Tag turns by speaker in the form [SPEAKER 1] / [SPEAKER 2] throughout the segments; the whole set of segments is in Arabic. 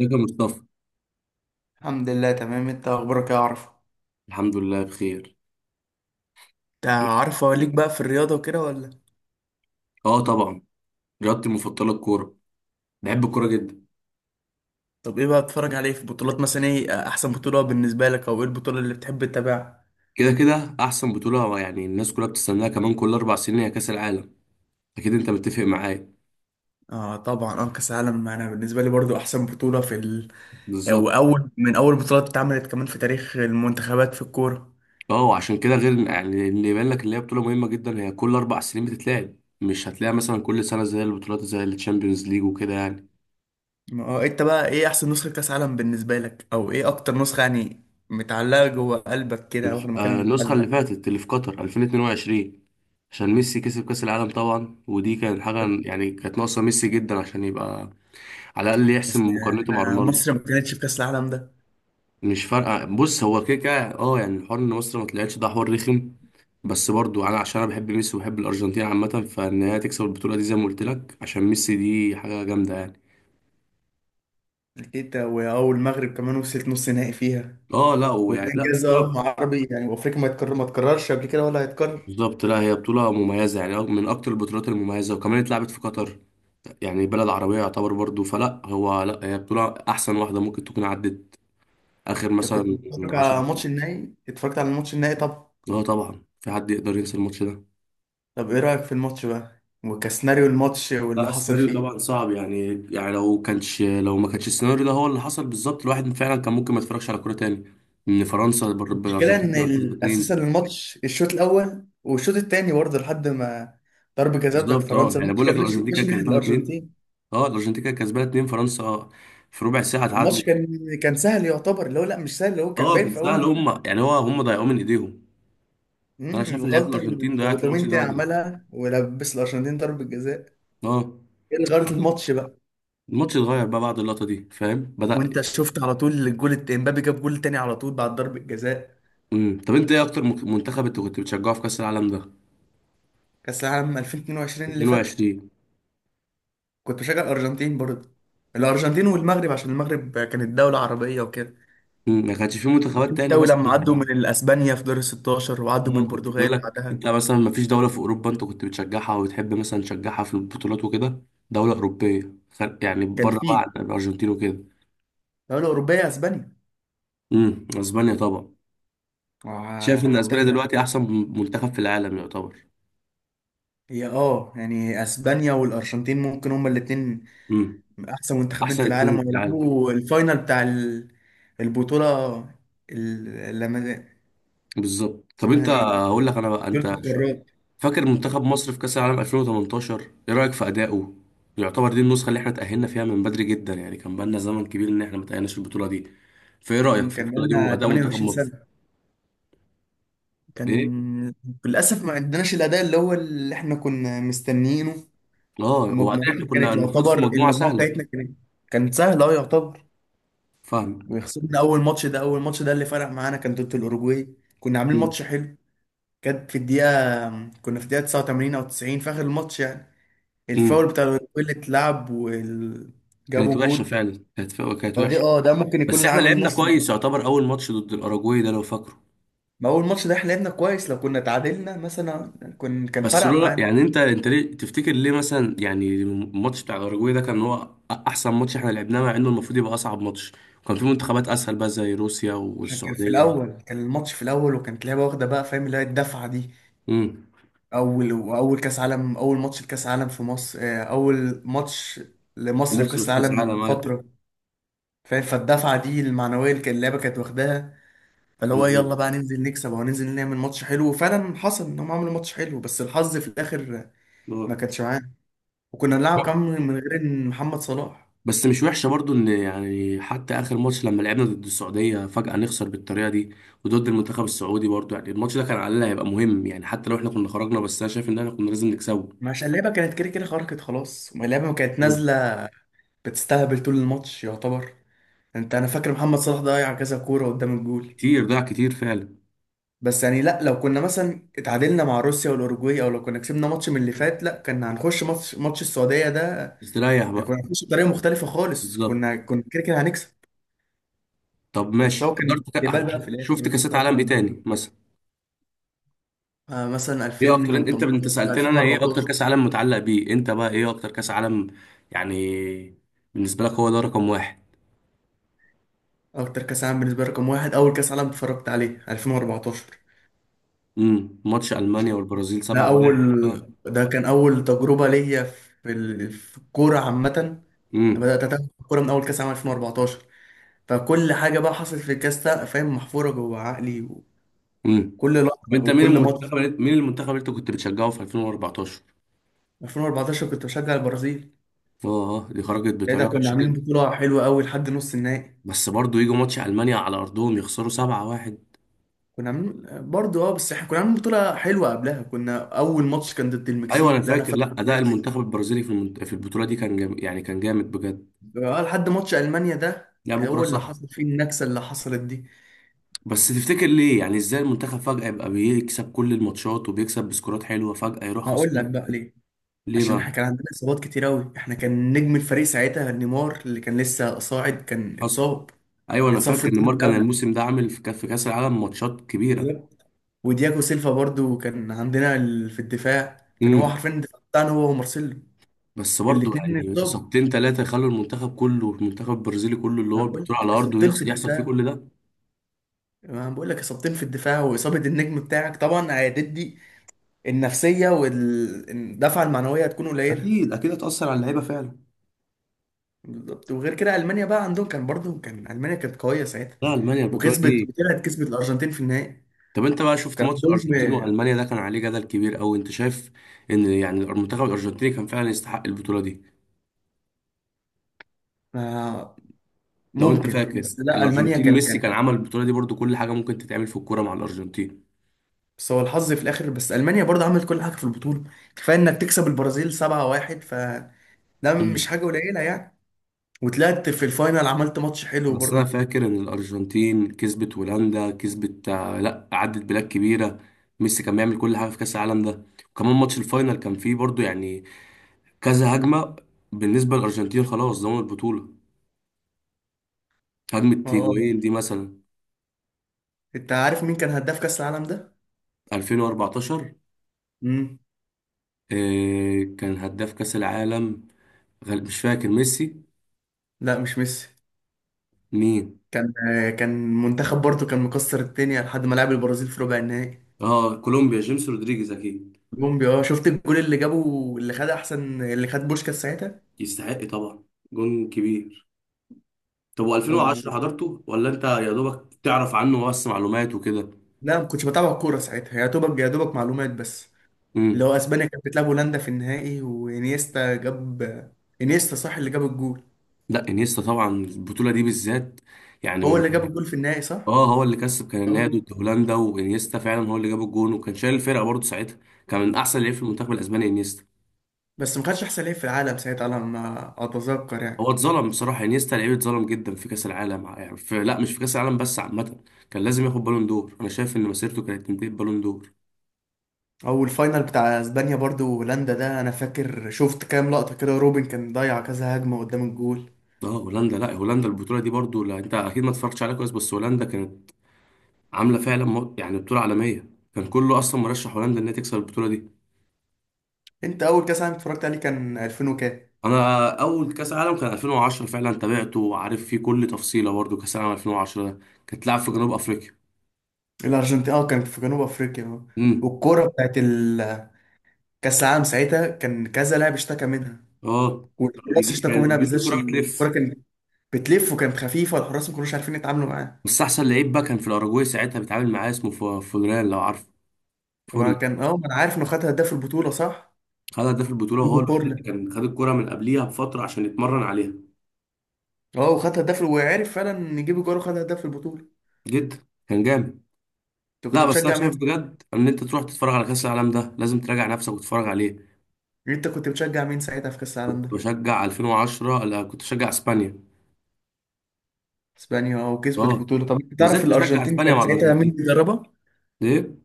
[SPEAKER 1] ازيك يا مصطفى؟
[SPEAKER 2] الحمد لله تمام. انت اخبارك ايه يا عرفة؟
[SPEAKER 1] الحمد لله بخير.
[SPEAKER 2] انت عارف، هو ليك بقى في الرياضة وكده ولا؟
[SPEAKER 1] اه، طبعا. رياضتي المفضله الكوره. بحب الكوره جدا.
[SPEAKER 2] طب ايه بقى بتتفرج عليه في بطولات؟ مثلا ايه احسن بطولة بالنسبة لك، او ايه البطولة اللي بتحب تتابعها؟
[SPEAKER 1] كده كده احسن بطوله، يعني الناس كلها بتستناها، كمان كل اربع سنين هي كاس العالم. اكيد انت متفق معايا.
[SPEAKER 2] اه طبعا، كاس العالم انا بالنسبة لي برضو احسن بطولة او
[SPEAKER 1] بالظبط.
[SPEAKER 2] اول بطولات اتعملت كمان في تاريخ المنتخبات في الكورة.
[SPEAKER 1] اه وعشان كده غير يعني اللي يبان لك ان هي بطوله مهمه جدا، هي كل اربع سنين بتتلعب. مش هتلاقيها مثلا كل سنه زي البطولات، زي الشامبيونز ليج وكده يعني.
[SPEAKER 2] اه انت بقى ايه احسن نسخة كاس عالم بالنسبة لك، او ايه اكتر نسخة يعني متعلقة جوه قلبك كده، واخد مكان في
[SPEAKER 1] النسخه اللي
[SPEAKER 2] قلبك؟
[SPEAKER 1] فاتت اللي في قطر 2022، عشان ميسي كسب كاس العالم طبعا، ودي كانت حاجه. يعني كانت ناقصه ميسي جدا عشان يبقى على الاقل
[SPEAKER 2] بس
[SPEAKER 1] يحسم مقارنته مع
[SPEAKER 2] احنا
[SPEAKER 1] رونالدو.
[SPEAKER 2] مصر ما كانتش في كاس العالم ده.
[SPEAKER 1] مش فارقه، بص هو كده كده، يعني الحوار ان مصر ما طلعتش ده حوار رخم. بس برضو انا عشان انا بحب ميسي وبحب الارجنتين عامه، فان هي تكسب البطوله دي زي ما قلت لك عشان ميسي دي حاجه جامده يعني.
[SPEAKER 2] كده، واول المغرب كمان وصلت نص نهائي فيها،
[SPEAKER 1] اه لا،
[SPEAKER 2] وده
[SPEAKER 1] ويعني لا
[SPEAKER 2] انجاز، اه، مع
[SPEAKER 1] بطوله.
[SPEAKER 2] عربي يعني وافريقيا ما تكررش قبل كده ولا هيتكرر.
[SPEAKER 1] بالظبط، لا هي بطوله مميزه يعني من اكتر البطولات المميزه، وكمان اتلعبت في قطر يعني بلد عربيه يعتبر برضو، فلا هو لا هي بطوله احسن واحده ممكن تكون عدت اخر
[SPEAKER 2] انت كنت
[SPEAKER 1] مثلا.
[SPEAKER 2] بتتفرج على
[SPEAKER 1] 10.
[SPEAKER 2] ماتش النهائي؟ اتفرجت على الماتش النهائي؟ طب
[SPEAKER 1] اه طبعا، في حد يقدر ينسى الماتش ده؟
[SPEAKER 2] طب ايه رايك في الماتش بقى وكسيناريو الماتش
[SPEAKER 1] لا
[SPEAKER 2] واللي حصل
[SPEAKER 1] السيناريو طبعا
[SPEAKER 2] فيه؟
[SPEAKER 1] صعب، يعني لو ما كانش السيناريو ده هو اللي حصل بالظبط، الواحد فعلا كان ممكن ما يتفرجش على كوره تاني. ان فرنسا
[SPEAKER 2] المشكله
[SPEAKER 1] بالارجنتين
[SPEAKER 2] ان
[SPEAKER 1] تبقى كسبه
[SPEAKER 2] اساسا
[SPEAKER 1] اتنين.
[SPEAKER 2] الشوط الاول والشوط الثاني برضه، لحد ما ضربة جزاء بتاعت
[SPEAKER 1] بالظبط. اه
[SPEAKER 2] فرنسا،
[SPEAKER 1] يعني
[SPEAKER 2] الماتش
[SPEAKER 1] بقول لك
[SPEAKER 2] كان ماشي
[SPEAKER 1] الارجنتين
[SPEAKER 2] ماشي
[SPEAKER 1] كانت
[SPEAKER 2] ناحيه
[SPEAKER 1] كسبانه اتنين.
[SPEAKER 2] الارجنتين.
[SPEAKER 1] اه الارجنتين كانت كسبانه اتنين، فرنسا آه، في ربع ساعه
[SPEAKER 2] الماتش
[SPEAKER 1] اتعادلت.
[SPEAKER 2] كان سهل يعتبر، اللي هو لا مش سهل، اللي هو كان
[SPEAKER 1] اه
[SPEAKER 2] باين
[SPEAKER 1] كان
[SPEAKER 2] في
[SPEAKER 1] سهل
[SPEAKER 2] اول.
[SPEAKER 1] هم، يعني هم ضيعوه من ايديهم. انا شايف ان لعيبه
[SPEAKER 2] الغلطة
[SPEAKER 1] الارجنتين
[SPEAKER 2] اللي
[SPEAKER 1] ضيعت الماتش ده
[SPEAKER 2] أوتامينتي
[SPEAKER 1] بدري.
[SPEAKER 2] عملها ولبس الأرجنتين ضربة جزاء.
[SPEAKER 1] اه.
[SPEAKER 2] ايه اللي غيرت الماتش بقى؟
[SPEAKER 1] الماتش اتغير بقى بعد اللقطه دي، فاهم، بدأ.
[SPEAKER 2] وانت شفت على طول الجول، امبابي جاب جول تاني على طول بعد ضربة جزاء.
[SPEAKER 1] طب انت ايه اكتر منتخب انت كنت بتشجعه في كاس العالم ده؟
[SPEAKER 2] كأس العالم 2022 اللي فات،
[SPEAKER 1] 22.
[SPEAKER 2] كنت بشجع الأرجنتين برضه، الأرجنتين والمغرب، عشان المغرب كانت دولة عربية وكده.
[SPEAKER 1] ما كانش في منتخبات تاني
[SPEAKER 2] التوي
[SPEAKER 1] مثلا؟
[SPEAKER 2] لما عدوا من الأسبانيا في دور ال 16، وعدوا من
[SPEAKER 1] اه كنت بقول
[SPEAKER 2] البرتغال
[SPEAKER 1] لك،
[SPEAKER 2] بعدها.
[SPEAKER 1] انت مثلا ما فيش دولة في اوروبا انت كنت بتشجعها وبتحب مثلا تشجعها في البطولات وكده؟ دولة اوروبية يعني
[SPEAKER 2] كان
[SPEAKER 1] بره بقى
[SPEAKER 2] في
[SPEAKER 1] عن الارجنتين وكده.
[SPEAKER 2] دولة أوروبية، أسبانيا،
[SPEAKER 1] امم، اسبانيا طبعا. شايف ان اسبانيا
[SPEAKER 2] حتى.
[SPEAKER 1] دلوقتي احسن منتخب في العالم يعتبر.
[SPEAKER 2] هي، اه يعني اسبانيا والارجنتين ممكن هما الاتنين
[SPEAKER 1] امم.
[SPEAKER 2] من احسن منتخبين في
[SPEAKER 1] احسن
[SPEAKER 2] العالم،
[SPEAKER 1] اتنين في العالم.
[SPEAKER 2] ويلعبوا الفاينل بتاع البطوله. لما
[SPEAKER 1] بالظبط. طب انت
[SPEAKER 2] اسمها ايه،
[SPEAKER 1] هقول لك انا بقى، انت
[SPEAKER 2] بطوله القارات.
[SPEAKER 1] فاكر منتخب مصر في كاس العالم 2018؟ ايه رايك في ادائه؟ يعتبر دي النسخة اللي احنا تأهلنا فيها من بدري جدا، يعني كان بقالنا زمن كبير ان احنا ما تأهلناش في البطولة دي. فايه رايك في
[SPEAKER 2] كان
[SPEAKER 1] البطولة دي
[SPEAKER 2] لنا
[SPEAKER 1] واداء منتخب
[SPEAKER 2] 28
[SPEAKER 1] مصر؟
[SPEAKER 2] سنه.
[SPEAKER 1] ايه؟
[SPEAKER 2] كان للاسف ما عندناش الاداء اللي هو اللي احنا كنا مستنيينه.
[SPEAKER 1] اه، وبعدين احنا
[SPEAKER 2] ومجموعتنا
[SPEAKER 1] كنا
[SPEAKER 2] كانت
[SPEAKER 1] المفروض في
[SPEAKER 2] يعتبر،
[SPEAKER 1] مجموعة
[SPEAKER 2] المجموعه
[SPEAKER 1] سهلة.
[SPEAKER 2] بتاعتنا كانت سهله، اه يعتبر.
[SPEAKER 1] فاهم.
[SPEAKER 2] وخسرنا اول ماتش ده اللي فرق معانا، كان ضد الاوروجواي. كنا عاملين
[SPEAKER 1] امم.
[SPEAKER 2] ماتش حلو. كانت في الدقيقه كنا في الدقيقه 89 او 90 في اخر الماتش يعني. الفاول
[SPEAKER 1] أمم.
[SPEAKER 2] بتاع اللي اتلعب وجابوا
[SPEAKER 1] كانت وحشة
[SPEAKER 2] جول.
[SPEAKER 1] فعلا، كانت
[SPEAKER 2] فدي،
[SPEAKER 1] وحشة.
[SPEAKER 2] اه، ده ممكن يكون
[SPEAKER 1] بس
[SPEAKER 2] اللي
[SPEAKER 1] احنا
[SPEAKER 2] عامل
[SPEAKER 1] لعبنا
[SPEAKER 2] نفس اللي.
[SPEAKER 1] كويس يعتبر، اول ماتش ضد الاراجواي ده لو فاكره.
[SPEAKER 2] ما هو الماتش ده احنا لعبنا كويس، لو كنا اتعادلنا مثلا كن كان
[SPEAKER 1] بس
[SPEAKER 2] فرق
[SPEAKER 1] لولا
[SPEAKER 2] معانا.
[SPEAKER 1] يعني، انت ليه تفتكر، ليه مثلا يعني الماتش بتاع الاراجواي ده كان هو احسن ماتش احنا لعبناه، مع انه المفروض يبقى اصعب ماتش. وكان في منتخبات اسهل بقى زي روسيا
[SPEAKER 2] عشان كان في
[SPEAKER 1] والسعودية.
[SPEAKER 2] الاول، كان الماتش في الاول وكانت لعبه واخده بقى، فاهم؟ اللي هي الدفعه دي،
[SPEAKER 1] امم.
[SPEAKER 2] اول، واول كاس عالم، اول ماتش لكاس عالم في مصر، آه، اول ماتش لمصر في
[SPEAKER 1] مصر
[SPEAKER 2] كاس
[SPEAKER 1] في كاس
[SPEAKER 2] العالم من
[SPEAKER 1] العالم، أيوة.
[SPEAKER 2] فتره، فاهم؟ فالدفعه دي المعنويه اللي كان اللعبه كانت واخداها، فاللي هو
[SPEAKER 1] بالظبط.
[SPEAKER 2] يلا بقى ننزل نكسب، او ننزل نعمل ماتش حلو، وفعلا حصل انهم عملوا ماتش حلو، بس الحظ في الاخر ما
[SPEAKER 1] آه.
[SPEAKER 2] كانتش معاه. وكنا بنلعب كمان من غير إن محمد صلاح.
[SPEAKER 1] بس مش وحشه برضو، ان يعني حتى اخر ماتش لما لعبنا ضد السعوديه فجاه نخسر بالطريقه دي، وضد المنتخب السعودي برضو. يعني الماتش ده كان على الاقل هيبقى مهم، يعني حتى لو احنا كنا خرجنا، بس انا شايف ان احنا كنا لازم نكسبه.
[SPEAKER 2] مش اللعبة كانت كده كده خرجت خلاص؟ ما اللعبة ما كانت
[SPEAKER 1] مم.
[SPEAKER 2] نازلة بتستهبل طول الماتش يعتبر. انت، انا فاكر محمد صلاح ضيع كذا كورة قدام الجول.
[SPEAKER 1] كتير، ضاع كتير فعلا.
[SPEAKER 2] بس يعني لا، لو كنا مثلا اتعادلنا مع روسيا والاوروجواي، او لو كنا كسبنا ماتش من اللي فات، لا كنا هنخش ماتش السعودية ده
[SPEAKER 1] استريح
[SPEAKER 2] يعني،
[SPEAKER 1] بقى.
[SPEAKER 2] كنا هنخش بطريقة مختلفة خالص،
[SPEAKER 1] بالظبط.
[SPEAKER 2] كنا كده كده هنكسب.
[SPEAKER 1] طب ماشي
[SPEAKER 2] سواء كان
[SPEAKER 1] حضرت
[SPEAKER 2] ديبال بقى في
[SPEAKER 1] شفت
[SPEAKER 2] الاخر،
[SPEAKER 1] كاسات
[SPEAKER 2] رقم
[SPEAKER 1] عالم
[SPEAKER 2] من
[SPEAKER 1] ايه تاني
[SPEAKER 2] البطولة.
[SPEAKER 1] مثلا؟
[SPEAKER 2] آه، مثلا
[SPEAKER 1] ايه اكتر، انت
[SPEAKER 2] 2018،
[SPEAKER 1] سالتني انا ايه اكتر
[SPEAKER 2] 2014.
[SPEAKER 1] كاس عالم متعلق بيه، انت بقى ايه اكتر كاس عالم يعني بالنسبه لك هو ده رقم واحد؟
[SPEAKER 2] اكتر كاس عالم بالنسبه لي رقم واحد، اول كاس عالم اتفرجت عليه، 2014.
[SPEAKER 1] امم. ماتش المانيا
[SPEAKER 2] عشان
[SPEAKER 1] والبرازيل
[SPEAKER 2] ده
[SPEAKER 1] 7-1، اه.
[SPEAKER 2] اول ده كان اول تجربه ليا في في الكوره عامه. أنا
[SPEAKER 1] امم.
[SPEAKER 2] بدات اتابع الكوره من اول كاس عالم 2014. فكل حاجه بقى حصلت في الكاس ده، فاهم، محفوره جوه عقلي.
[SPEAKER 1] امم.
[SPEAKER 2] وكل
[SPEAKER 1] طب
[SPEAKER 2] لحظه
[SPEAKER 1] انت مين
[SPEAKER 2] وكل ماتش.
[SPEAKER 1] مين المنتخب اللي انت كنت بتشجعه في 2014؟
[SPEAKER 2] 2014 كنت بشجع البرازيل.
[SPEAKER 1] اه، آه، دي خرجت
[SPEAKER 2] ساعتها
[SPEAKER 1] بطريقه
[SPEAKER 2] كنا
[SPEAKER 1] وحشه
[SPEAKER 2] عاملين
[SPEAKER 1] جدا.
[SPEAKER 2] بطوله حلوه قوي لحد نص النهائي.
[SPEAKER 1] بس برضه يجوا ماتش المانيا على ارضهم يخسروا 7-1.
[SPEAKER 2] كنا عاملين برضه، اه، بس احنا كنا عاملين بطوله حلوه قبلها، كنا اول ماتش كان ضد
[SPEAKER 1] ايوه انا
[SPEAKER 2] المكسيك ده، انا
[SPEAKER 1] فاكر. لا
[SPEAKER 2] فاكره
[SPEAKER 1] اداء
[SPEAKER 2] كويس.
[SPEAKER 1] المنتخب البرازيلي في البطوله دي كان يعني كان جامد بجد.
[SPEAKER 2] اه، لحد ماتش المانيا ده،
[SPEAKER 1] لعبوا كوره
[SPEAKER 2] هو اللي
[SPEAKER 1] صح.
[SPEAKER 2] حصل فيه النكسه اللي حصلت دي.
[SPEAKER 1] بس تفتكر ليه يعني، ازاي المنتخب فجاه يبقى بيكسب كل الماتشات وبيكسب بسكورات حلوه فجاه يروح
[SPEAKER 2] هقول
[SPEAKER 1] خسران؟
[SPEAKER 2] لك بقى ليه.
[SPEAKER 1] ليه
[SPEAKER 2] عشان احنا
[SPEAKER 1] بقى؟
[SPEAKER 2] كان عندنا اصابات كتير قوي. احنا كان نجم الفريق ساعتها نيمار، اللي كان لسه صاعد، كان
[SPEAKER 1] حصل.
[SPEAKER 2] اتصاب.
[SPEAKER 1] ايوه انا
[SPEAKER 2] اتصاب في
[SPEAKER 1] فاكر
[SPEAKER 2] الدور
[SPEAKER 1] نيمار
[SPEAKER 2] اللي
[SPEAKER 1] كان
[SPEAKER 2] قبله،
[SPEAKER 1] الموسم ده عامل في كأس العالم ماتشات كبيره.
[SPEAKER 2] بالظبط. ودياجو سيلفا برضو كان عندنا في الدفاع، كان هو
[SPEAKER 1] امم.
[SPEAKER 2] حرفيا الدفاع بتاعنا، هو ومارسيلو.
[SPEAKER 1] بس برضه
[SPEAKER 2] الاثنين
[SPEAKER 1] يعني
[SPEAKER 2] اتصابوا.
[SPEAKER 1] إصابتين ثلاثة يخلوا المنتخب كله، المنتخب البرازيلي كله اللي
[SPEAKER 2] انا
[SPEAKER 1] هو
[SPEAKER 2] بقول
[SPEAKER 1] البطولة
[SPEAKER 2] لك
[SPEAKER 1] على أرضه
[SPEAKER 2] اصابتين في
[SPEAKER 1] يحصل فيه
[SPEAKER 2] الدفاع،
[SPEAKER 1] كل ده؟
[SPEAKER 2] انا بقول لك اصابتين في الدفاع، واصابه النجم بتاعك طبعا هتدي. النفسيه والدفعه المعنويه هتكون قليله.
[SPEAKER 1] اكيد اكيد هتأثر على اللعيبه فعلا.
[SPEAKER 2] بالظبط. وغير كده المانيا بقى عندهم، كان برضو كان المانيا كانت قويه ساعتها،
[SPEAKER 1] لا ألمانيا البطولة
[SPEAKER 2] وكسبت،
[SPEAKER 1] دي.
[SPEAKER 2] طلعت كسبت الارجنتين في النهائي.
[SPEAKER 1] طب أنت بقى شفت
[SPEAKER 2] كان
[SPEAKER 1] ماتش
[SPEAKER 2] عندهم،
[SPEAKER 1] الأرجنتين وألمانيا ده، كان عليه جدل كبير أوي، أنت شايف إن يعني المنتخب الأرجنتيني كان فعلا يستحق البطولة دي؟
[SPEAKER 2] آه،
[SPEAKER 1] لو أنت
[SPEAKER 2] ممكن،
[SPEAKER 1] فاكر
[SPEAKER 2] بس لا المانيا
[SPEAKER 1] الأرجنتين،
[SPEAKER 2] كان
[SPEAKER 1] ميسي كان
[SPEAKER 2] كان
[SPEAKER 1] عمل البطولة دي برضه، كل حاجة ممكن تتعمل في الكورة مع الأرجنتين.
[SPEAKER 2] بس هو الحظ في الاخر، بس المانيا برضو عملت كل حاجه في البطوله، كفايه انك تكسب البرازيل 7-1، فده مش حاجه قليله يعني. وطلعت في الفاينل، عملت ماتش حلو
[SPEAKER 1] بس انا
[SPEAKER 2] برضو.
[SPEAKER 1] فاكر ان الارجنتين كسبت هولندا، كسبت آه، لا عدت بلاد كبيره. ميسي كان بيعمل كل حاجه في كاس العالم ده. وكمان ماتش الفاينل كان فيه برضو يعني كذا هجمه. بالنسبه للارجنتين خلاص ضمنوا البطوله. هجمه
[SPEAKER 2] اه، آه.
[SPEAKER 1] هيجوين دي مثلا.
[SPEAKER 2] انت عارف مين كان هداف كاس العالم ده؟
[SPEAKER 1] 2014.
[SPEAKER 2] امم،
[SPEAKER 1] آه، كان هداف كاس العالم مش فاكر، ميسي.
[SPEAKER 2] لا، مش ميسي.
[SPEAKER 1] مين؟
[SPEAKER 2] كان، آه، كان منتخب برضو كان مكسر الدنيا لحد ما لعب البرازيل في ربع النهائي.
[SPEAKER 1] اه، كولومبيا، جيمس رودريجيز اكيد.
[SPEAKER 2] كولومبيا، اه. شفت الجول اللي جابه، اللي خد احسن، اللي خد بوشكاس ساعتها.
[SPEAKER 1] يستحق طبعا. جون كبير. طب
[SPEAKER 2] طب
[SPEAKER 1] و2010 حضرته ولا انت يا دوبك تعرف عنه بس معلومات وكده؟
[SPEAKER 2] لا، ما كنتش بتابع الكوره ساعتها، يا دوبك، يا دوبك معلومات بس. اللي
[SPEAKER 1] امم.
[SPEAKER 2] هو اسبانيا كانت بتلعب هولندا في النهائي، وانيستا جاب. انيستا صح اللي جاب الجول؟
[SPEAKER 1] لا انيستا طبعا البطوله دي بالذات يعني
[SPEAKER 2] هو
[SPEAKER 1] من.
[SPEAKER 2] اللي جاب الجول في النهائي صح؟
[SPEAKER 1] اه هو اللي كسب كان النهائي
[SPEAKER 2] اه،
[SPEAKER 1] ضد هولندا، وانيستا فعلا هو اللي جاب الجون وكان شايل الفرقه برضه ساعتها. كان من احسن لعيب في المنتخب الاسباني، انيستا.
[SPEAKER 2] بس ما خدش احسن لعيب في العالم ساعتها على ما اتذكر
[SPEAKER 1] هو
[SPEAKER 2] يعني.
[SPEAKER 1] اتظلم بصراحه انيستا، لعيب اتظلم جدا في كاس العالم، يعني في، لا مش في كاس العالم بس، عامه كان لازم ياخد بالون دور. انا شايف ان مسيرته كانت تنتهي ببالون دور.
[SPEAKER 2] او الفاينل بتاع اسبانيا برضو، هولندا ده انا فاكر شفت كام لقطه كده، روبن كان ضيع كذا هجمه قدام الجول.
[SPEAKER 1] اه هولندا، لا هولندا البطوله دي برضو، لا انت اكيد ما اتفرجتش عليها كويس، بس هولندا كانت عامله فعلا يعني بطوله عالميه، كان كله اصلا مرشح هولندا انها تكسب البطوله دي.
[SPEAKER 2] انت اول كاس عالم اتفرجت عليه كان 2000 وكام؟
[SPEAKER 1] انا اول كاس عالم كان 2010 فعلا تابعته، وعارف فيه كل تفصيله برضو، كاس عالم 2010 ده كانت لعب في جنوب افريقيا.
[SPEAKER 2] الارجنتين، اه، كانت في جنوب افريقيا، اه.
[SPEAKER 1] امم.
[SPEAKER 2] والكوره بتاعت كاس العالم ساعتها، كان كذا لاعب اشتكى منها،
[SPEAKER 1] اه كانوا
[SPEAKER 2] والحراس
[SPEAKER 1] بيجي،
[SPEAKER 2] اشتكوا
[SPEAKER 1] كان
[SPEAKER 2] منها
[SPEAKER 1] بيقول
[SPEAKER 2] بالذات،
[SPEAKER 1] الكره
[SPEAKER 2] عشان الكوره
[SPEAKER 1] بتلف.
[SPEAKER 2] كانت بتلف وكانت خفيفه، والحراس ما كانوش عارفين يتعاملوا معاها.
[SPEAKER 1] بس احسن لعيب بقى كان في الاراجواي ساعتها بيتعامل معاه، اسمه فورلان لو عارف.
[SPEAKER 2] ما
[SPEAKER 1] فورلان
[SPEAKER 2] كان، اه، ما انا عارف انه خد هداف البطوله صح؟
[SPEAKER 1] خد هداف البطوله، وهو
[SPEAKER 2] يجيبوا
[SPEAKER 1] الوحيد اللي
[SPEAKER 2] كورلا.
[SPEAKER 1] كان خد الكره من قبليها بفتره عشان يتمرن عليها.
[SPEAKER 2] اه، وخد هداف، وعرف فعلا يجيب جول وخد هداف البطوله.
[SPEAKER 1] جدا كان جامد.
[SPEAKER 2] انت كنت
[SPEAKER 1] لا بس انا
[SPEAKER 2] بتشجع مين؟
[SPEAKER 1] شايف بجد ان انت تروح تتفرج على كاس العالم ده، لازم تراجع نفسك وتتفرج عليه.
[SPEAKER 2] انت كنت بتشجع مين ساعتها في كاس
[SPEAKER 1] كنت
[SPEAKER 2] العالم ده؟
[SPEAKER 1] بشجع 2010، لا كنت بشجع اسبانيا.
[SPEAKER 2] اسبانيا، اه، وكسبت
[SPEAKER 1] اه.
[SPEAKER 2] البطوله. طب انت
[SPEAKER 1] ما
[SPEAKER 2] تعرف
[SPEAKER 1] زلت بشجع
[SPEAKER 2] الارجنتين
[SPEAKER 1] اسبانيا
[SPEAKER 2] كان
[SPEAKER 1] مع
[SPEAKER 2] ساعتها مين
[SPEAKER 1] الارجنتين.
[SPEAKER 2] بيدربها؟
[SPEAKER 1] ليه؟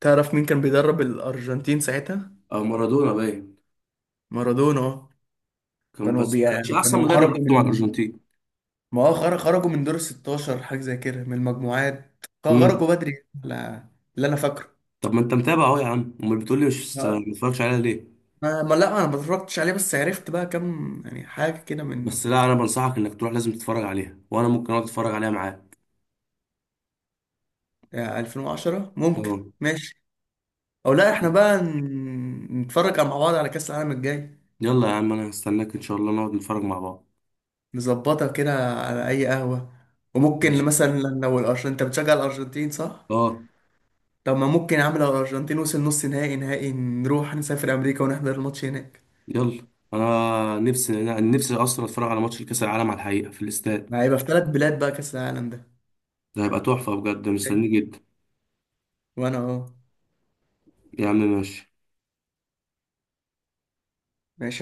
[SPEAKER 2] تعرف مين كان بيدرب الارجنتين ساعتها؟
[SPEAKER 1] اه مارادونا باين.
[SPEAKER 2] مارادونا، اه.
[SPEAKER 1] كان
[SPEAKER 2] كانوا
[SPEAKER 1] بس
[SPEAKER 2] بي...
[SPEAKER 1] ما كانش احسن
[SPEAKER 2] كانوا
[SPEAKER 1] مدرب
[SPEAKER 2] خرجوا
[SPEAKER 1] برضه مع
[SPEAKER 2] من،
[SPEAKER 1] الارجنتين.
[SPEAKER 2] ما هو خرجوا من دور ال 16، حاجه زي كده، من المجموعات.
[SPEAKER 1] امم.
[SPEAKER 2] خرجوا بدري، لا، اللي انا فاكره.
[SPEAKER 1] طب ما انت متابع اهو يا عم، امال بتقول لي مش
[SPEAKER 2] ما...
[SPEAKER 1] ما اتفرجش عليها ليه؟
[SPEAKER 2] لا انا ما اتفرجتش عليه، بس عرفت بقى كام يعني حاجه كده من
[SPEAKER 1] بس لا انا بنصحك انك تروح لازم تتفرج عليها، وانا ممكن اقعد اتفرج عليها معاك.
[SPEAKER 2] 2010 ممكن.
[SPEAKER 1] اه.
[SPEAKER 2] ماشي. او لا، احنا بقى نتفرج مع بعض على كاس العالم الجاي.
[SPEAKER 1] يلا يا عم، انا هستناك ان شاء الله نقعد نتفرج مع بعض.
[SPEAKER 2] نظبطها كده، على اي قهوه. وممكن
[SPEAKER 1] ماشي.
[SPEAKER 2] مثلا لو الارجنتين، انت بتشجع الارجنتين صح؟
[SPEAKER 1] اه.
[SPEAKER 2] طب ما ممكن يا عم، لو الارجنتين وصل نص نهائي، نهائي، نروح نسافر امريكا ونحضر الماتش هناك.
[SPEAKER 1] يلا. انا نفسي اصلا اتفرج على ماتش الكاس العالم على الحقيقه في الاستاد.
[SPEAKER 2] ما هيبقى في ثلاث بلاد بقى كأس العالم ده
[SPEAKER 1] ده هيبقى تحفه بجد،
[SPEAKER 2] جاي.
[SPEAKER 1] مستنيه جدا.
[SPEAKER 2] وانا اهو.
[SPEAKER 1] يا عم ماشي.
[SPEAKER 2] ماشي.